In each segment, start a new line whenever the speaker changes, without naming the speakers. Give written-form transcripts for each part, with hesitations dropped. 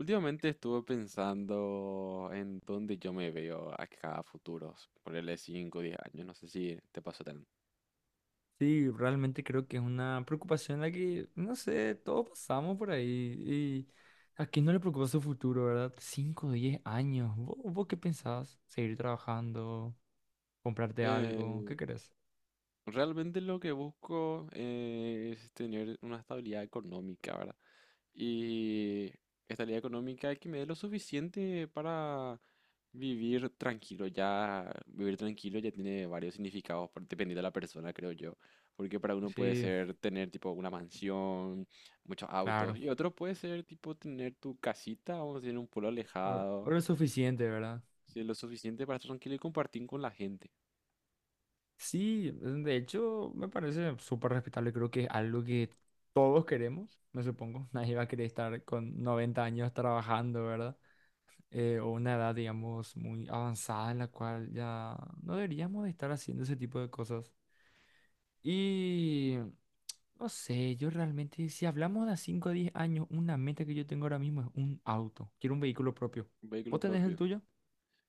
Últimamente estuve pensando en dónde yo me veo acá a futuros, ponerle 5 o 10 años, no sé si te pasó tan.
Sí, realmente creo que es una preocupación la que, no sé, todos pasamos por ahí. Y a quién no le preocupa su futuro, ¿verdad? 5 10 años. ¿Vos qué pensás? ¿Seguir trabajando? ¿Comprarte algo?
Eh,
¿Qué querés?
Realmente lo que busco es tener una estabilidad económica, ¿verdad? Y estabilidad económica que me dé lo suficiente para vivir tranquilo. Ya vivir tranquilo ya tiene varios significados dependiendo de la persona, creo yo. Porque para uno puede
Sí,
ser tener tipo una mansión, muchos autos,
claro.
y otro puede ser tipo tener tu casita, vamos a decir, en un pueblo
O
alejado,
lo suficiente, ¿verdad?
ser lo suficiente para estar tranquilo y compartir con la gente,
Sí, de hecho, me parece súper respetable. Creo que es algo que todos queremos, me supongo. Nadie va a querer estar con 90 años trabajando, ¿verdad? O una edad, digamos, muy avanzada en la cual ya no deberíamos de estar haciendo ese tipo de cosas. Y no sé, yo realmente, si hablamos de 5 a 10 años, una meta que yo tengo ahora mismo es un auto. Quiero un vehículo propio.
un vehículo
¿Vos tenés el
propio.
tuyo?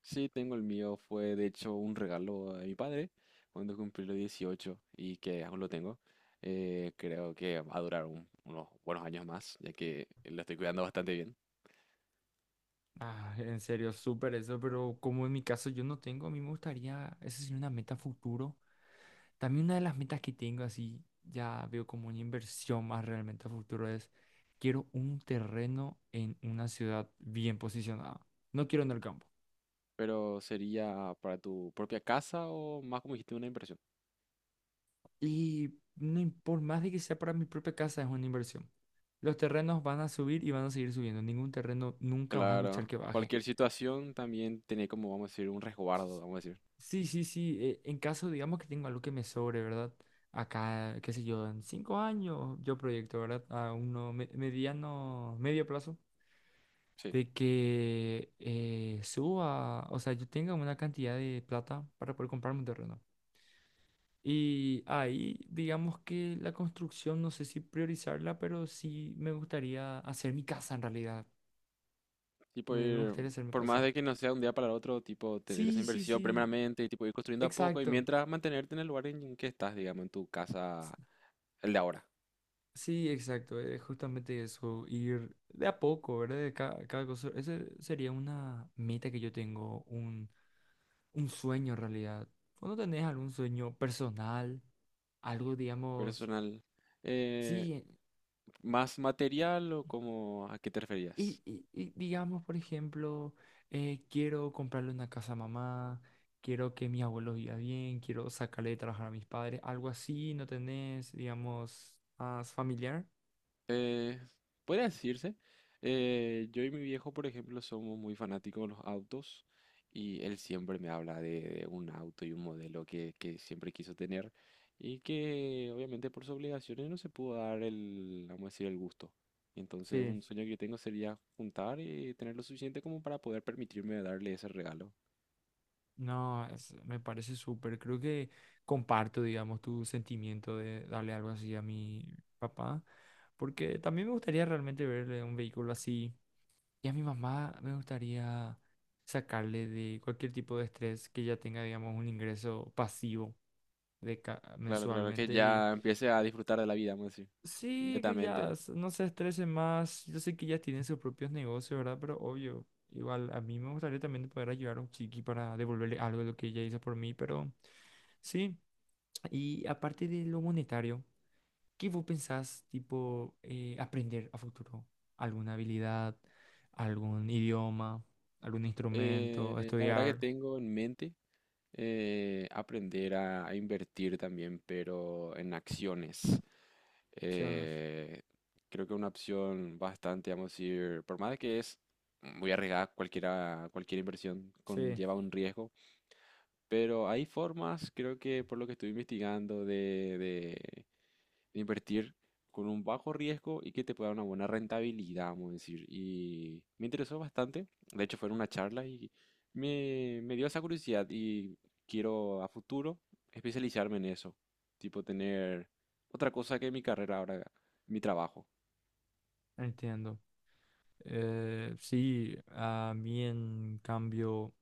Sí, tengo el mío. Fue de hecho un regalo de mi padre cuando cumplí los 18 y que aún lo tengo. Creo que va a durar unos buenos años más, ya que lo estoy cuidando bastante bien.
Ah, en serio, súper eso, pero como en mi caso yo no tengo, a mí me gustaría, esa sería una meta futuro. También una de las metas que tengo, así ya veo como una inversión más realmente a futuro, es quiero un terreno en una ciudad bien posicionada. No quiero en el campo.
Pero sería para tu propia casa o más como dijiste, una inversión.
Y no, por más de que sea para mi propia casa, es una inversión. Los terrenos van a subir y van a seguir subiendo. Ningún terreno nunca vas a escuchar
Claro,
que baje.
cualquier situación también tiene como, vamos a decir, un resguardo, vamos a decir.
Sí, sí, sí. En caso, digamos que tengo algo que me sobre, ¿verdad? Acá, qué sé yo, en 5 años yo proyecto, ¿verdad? A uno medio plazo.
Sí,
De que suba, o sea, yo tenga una cantidad de plata para poder comprarme un terreno. Y ahí, digamos que la construcción, no sé si priorizarla, pero sí me gustaría hacer mi casa en realidad.
tipo
Me
ir,
gustaría hacer mi
por más
casa.
de que no sea un día para el otro, tipo tener esa
Sí, sí,
inversión
sí,
primeramente y tipo ir construyendo a poco y
exacto.
mientras mantenerte en el lugar en que estás, digamos, en tu casa, el de ahora.
Sí, exacto, es justamente eso, ir de a poco, ¿verdad? De cada, cosa. Esa sería una meta que yo tengo, un sueño en realidad. ¿Vos no tenés algún sueño personal? Algo, digamos,
Personal. eh,
sí,
¿más material o cómo a qué te
y,
referías?
y- y digamos, por ejemplo, quiero comprarle una casa a mamá, quiero que mi abuelo viva bien, quiero sacarle de trabajar a mis padres, algo así, ¿no tenés, digamos, más familiar?
Eh, Podría decirse. Eh, yo y mi viejo, por ejemplo, somos muy fanáticos de los autos y él siempre me habla de un auto y un modelo que siempre quiso tener y que obviamente por sus obligaciones no se pudo dar el, vamos a decir, el gusto. Entonces,
Sí,
un sueño que yo tengo sería juntar y tener lo suficiente como para poder permitirme darle ese regalo.
no, es- me parece súper. Creo que comparto, digamos, tu sentimiento de darle algo así a mi papá, porque también me gustaría realmente verle un vehículo así. Y a mi mamá me gustaría sacarle de cualquier tipo de estrés que ella tenga, digamos, un ingreso pasivo de
Claro, claro, que
mensualmente. Y
ya empiece a disfrutar de la vida, vamos a decir,
sí, que ya
netamente.
no se estrese más. Yo sé que ya tienen sus propios negocios, ¿verdad? Pero obvio, igual a mí me gustaría también poder ayudar a un chiqui para devolverle algo de lo que ella hizo por mí. Pero sí, y aparte de lo monetario. ¿Qué vos pensás, tipo, aprender a futuro? ¿Alguna habilidad, algún idioma, algún instrumento,
La verdad que
estudiar?
tengo en mente aprender a invertir también, pero en acciones.
Acciones.
Eh, Creo que una opción bastante, vamos a decir, por más de que es muy arriesgada, cualquiera, cualquier inversión
Sí,
conlleva un riesgo, pero hay formas, creo que por lo que estoy investigando, de invertir con un bajo riesgo y que te pueda dar una buena rentabilidad, vamos a decir. Y me interesó bastante. De hecho, fue en una charla y me dio esa curiosidad y quiero a futuro especializarme en eso. Tipo, tener otra cosa que mi carrera ahora, mi trabajo.
entiendo. Sí, a mí en cambio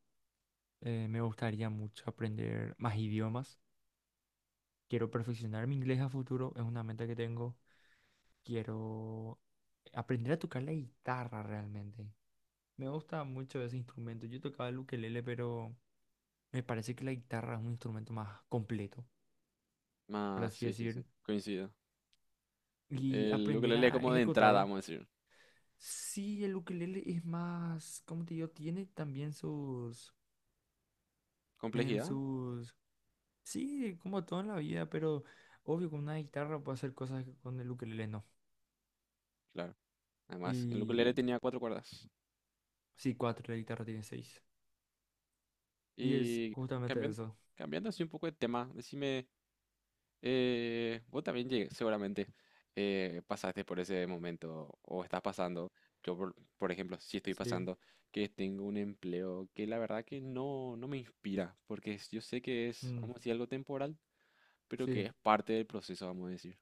me gustaría mucho aprender más idiomas. Quiero perfeccionar mi inglés a futuro, es una meta que tengo. Quiero aprender a tocar la guitarra realmente. Me gusta mucho ese instrumento. Yo tocaba el ukelele, pero me parece que la guitarra es un instrumento más completo, por
Ah,
así
sí, sí, sí,
decir,
coincido.
y
El
aprender
ukelele
a
como de entrada,
ejecutarla.
vamos a decir.
Sí, el ukelele es más, como te digo, tiene también sus, em,
Complejidad,
sus, sí, como todo en la vida, pero obvio con una guitarra puedo hacer cosas que con el ukelele no.
claro. Además, el ukelele
Y
tenía cuatro cuerdas.
sí, cuatro, la guitarra tiene seis. Y es
Y
justamente
cambiando,
eso.
cambiando así un poco de tema, decime, vos también seguramente pasaste por ese momento o estás pasando. Yo, por ejemplo, sí estoy
Sí,
pasando que tengo un empleo que la verdad que no me inspira, porque yo sé que es,
mm,
vamos a decir, algo temporal, pero que
sí,
es parte del proceso, vamos a decir.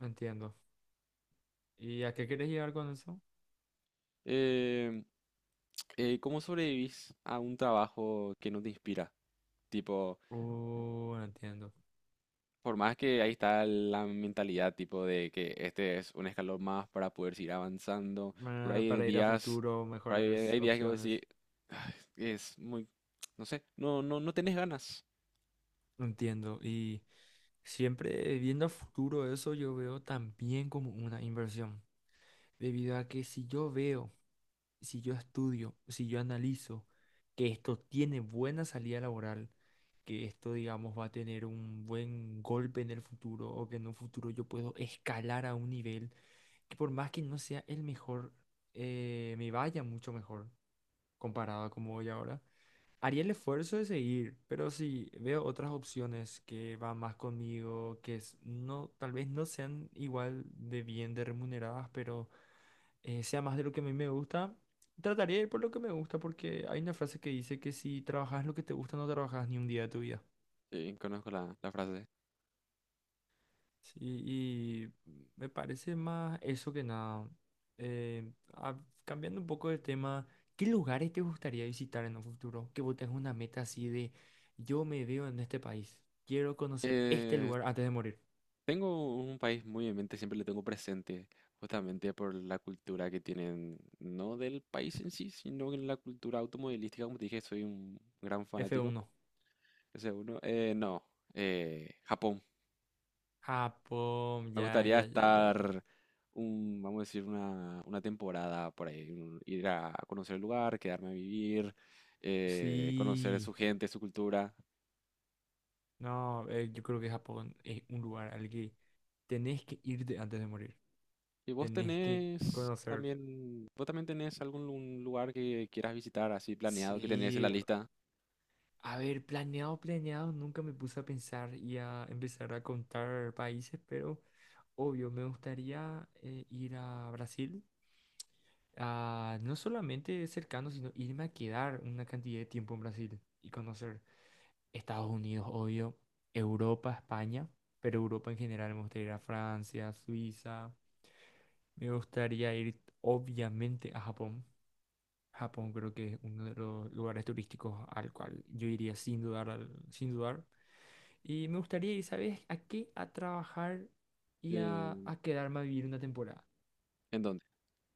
entiendo. ¿Y a qué quieres llegar con eso?
Em, ¿cómo sobrevivís a un trabajo que no te inspira? Tipo,
Oh, entiendo.
por más que ahí está la mentalidad tipo de que este es un escalón más para poder seguir avanzando, pero hay
Para ir a
días,
futuro,
por ahí
mejores
hay días que vos decís,
opciones.
"Ay, es muy, no sé, no, no, no tenés ganas.
Entiendo. Y siempre viendo a futuro eso, yo veo también como una inversión. Debido a que si yo veo, si yo estudio, si yo analizo que esto tiene buena salida laboral, que esto, digamos, va a tener un buen golpe en el futuro o que en un futuro yo puedo escalar a un nivel que por más que no sea el mejor, me vaya mucho mejor comparado a como voy ahora. Haría el esfuerzo de seguir, pero si veo otras opciones que van más conmigo, que es- no, tal vez no sean igual de bien de remuneradas, pero sea más de lo que a mí me gusta, trataría de ir por lo que me gusta, porque hay una frase que dice que si trabajas lo que te gusta, no trabajas ni un día de tu vida.
Sí, conozco la frase.
Sí, y me parece más eso que nada. Eh, ah, cambiando un poco de tema, ¿qué lugares te gustaría visitar en un futuro? Que vos tengas una meta así de yo me veo en este país, quiero conocer este
Eh,
lugar antes de morir.
Tengo un país muy en mente, siempre le tengo presente, justamente por la cultura que tienen, no del país en sí, sino en la cultura automovilística, como te dije, soy un gran
f
fanático,
uno
ese uno. No, Japón.
Japón,
Me
ya,
gustaría
ya, ya, ya, ya.
estar, vamos a decir, una temporada por ahí, ir a conocer el lugar, quedarme a vivir, conocer
Sí,
su gente, su cultura.
no, yo creo que Japón es un lugar al que tenés que irte antes de morir.
¿Y vos
Tenés que
tenés
conocer.
también, vos también tenés algún lugar que quieras visitar así planeado, que tenés en la
Sí,
lista?
a ver, planeado, planeado, nunca me puse a pensar y a empezar a contar países, pero obvio, me gustaría ir a Brasil, a, no solamente cercano, sino irme a quedar una cantidad de tiempo en Brasil y conocer Estados Unidos, obvio, Europa, España, pero Europa en general, me gustaría ir a Francia, Suiza, me gustaría ir obviamente a Japón. Japón creo que es uno de los lugares turísticos al cual yo iría sin dudar, sin dudar. Y me gustaría ir, ¿sabes? ¿A qué? A trabajar y
Eh,
a quedarme a vivir una temporada.
¿En dónde?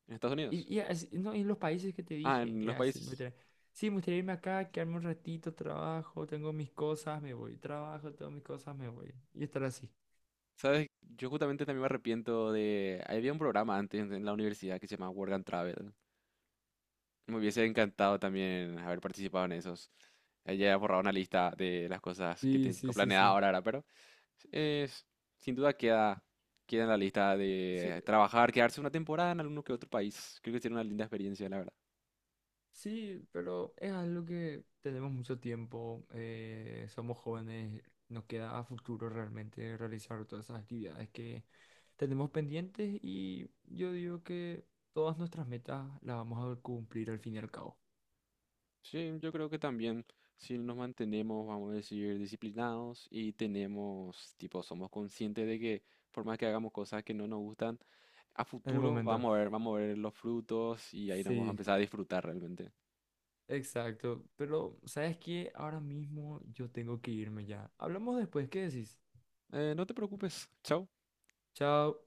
¿En Estados Unidos?
Y así- no, en los países que te
Ah,
dije,
en los
así,
países.
sí, me gustaría irme acá, quedarme un ratito, trabajo, tengo mis cosas, me voy, trabajo, tengo mis cosas, me voy. Y estar así.
¿Sabes? Yo justamente también me arrepiento de... Había un programa antes en la universidad que se llamaba Work and Travel. Me hubiese encantado también haber participado en esos. Ya he borrado una lista de las cosas que
Sí,
tengo
sí, sí,
planeada
sí.
ahora, ahora, pero es- sin duda queda, queda en la lista
Sí,
de trabajar, quedarse una temporada en alguno que otro país. Creo que sería una linda experiencia, la verdad.
sí, pero es algo que tenemos mucho tiempo, somos jóvenes, nos queda a futuro realmente realizar todas esas actividades que tenemos pendientes y yo digo que todas nuestras metas las vamos a cumplir al fin y al cabo.
Sí, yo creo que también si nos mantenemos, vamos a decir, disciplinados y tenemos, tipo, somos conscientes de que por más que hagamos cosas que no nos gustan, a
En el
futuro
momento.
vamos a ver los frutos y ahí nos vamos a
Sí,
empezar a disfrutar realmente.
exacto. Pero, ¿sabes qué? Ahora mismo yo tengo que irme ya. Hablamos después, ¿qué decís?
No te preocupes. Chao.
Chao.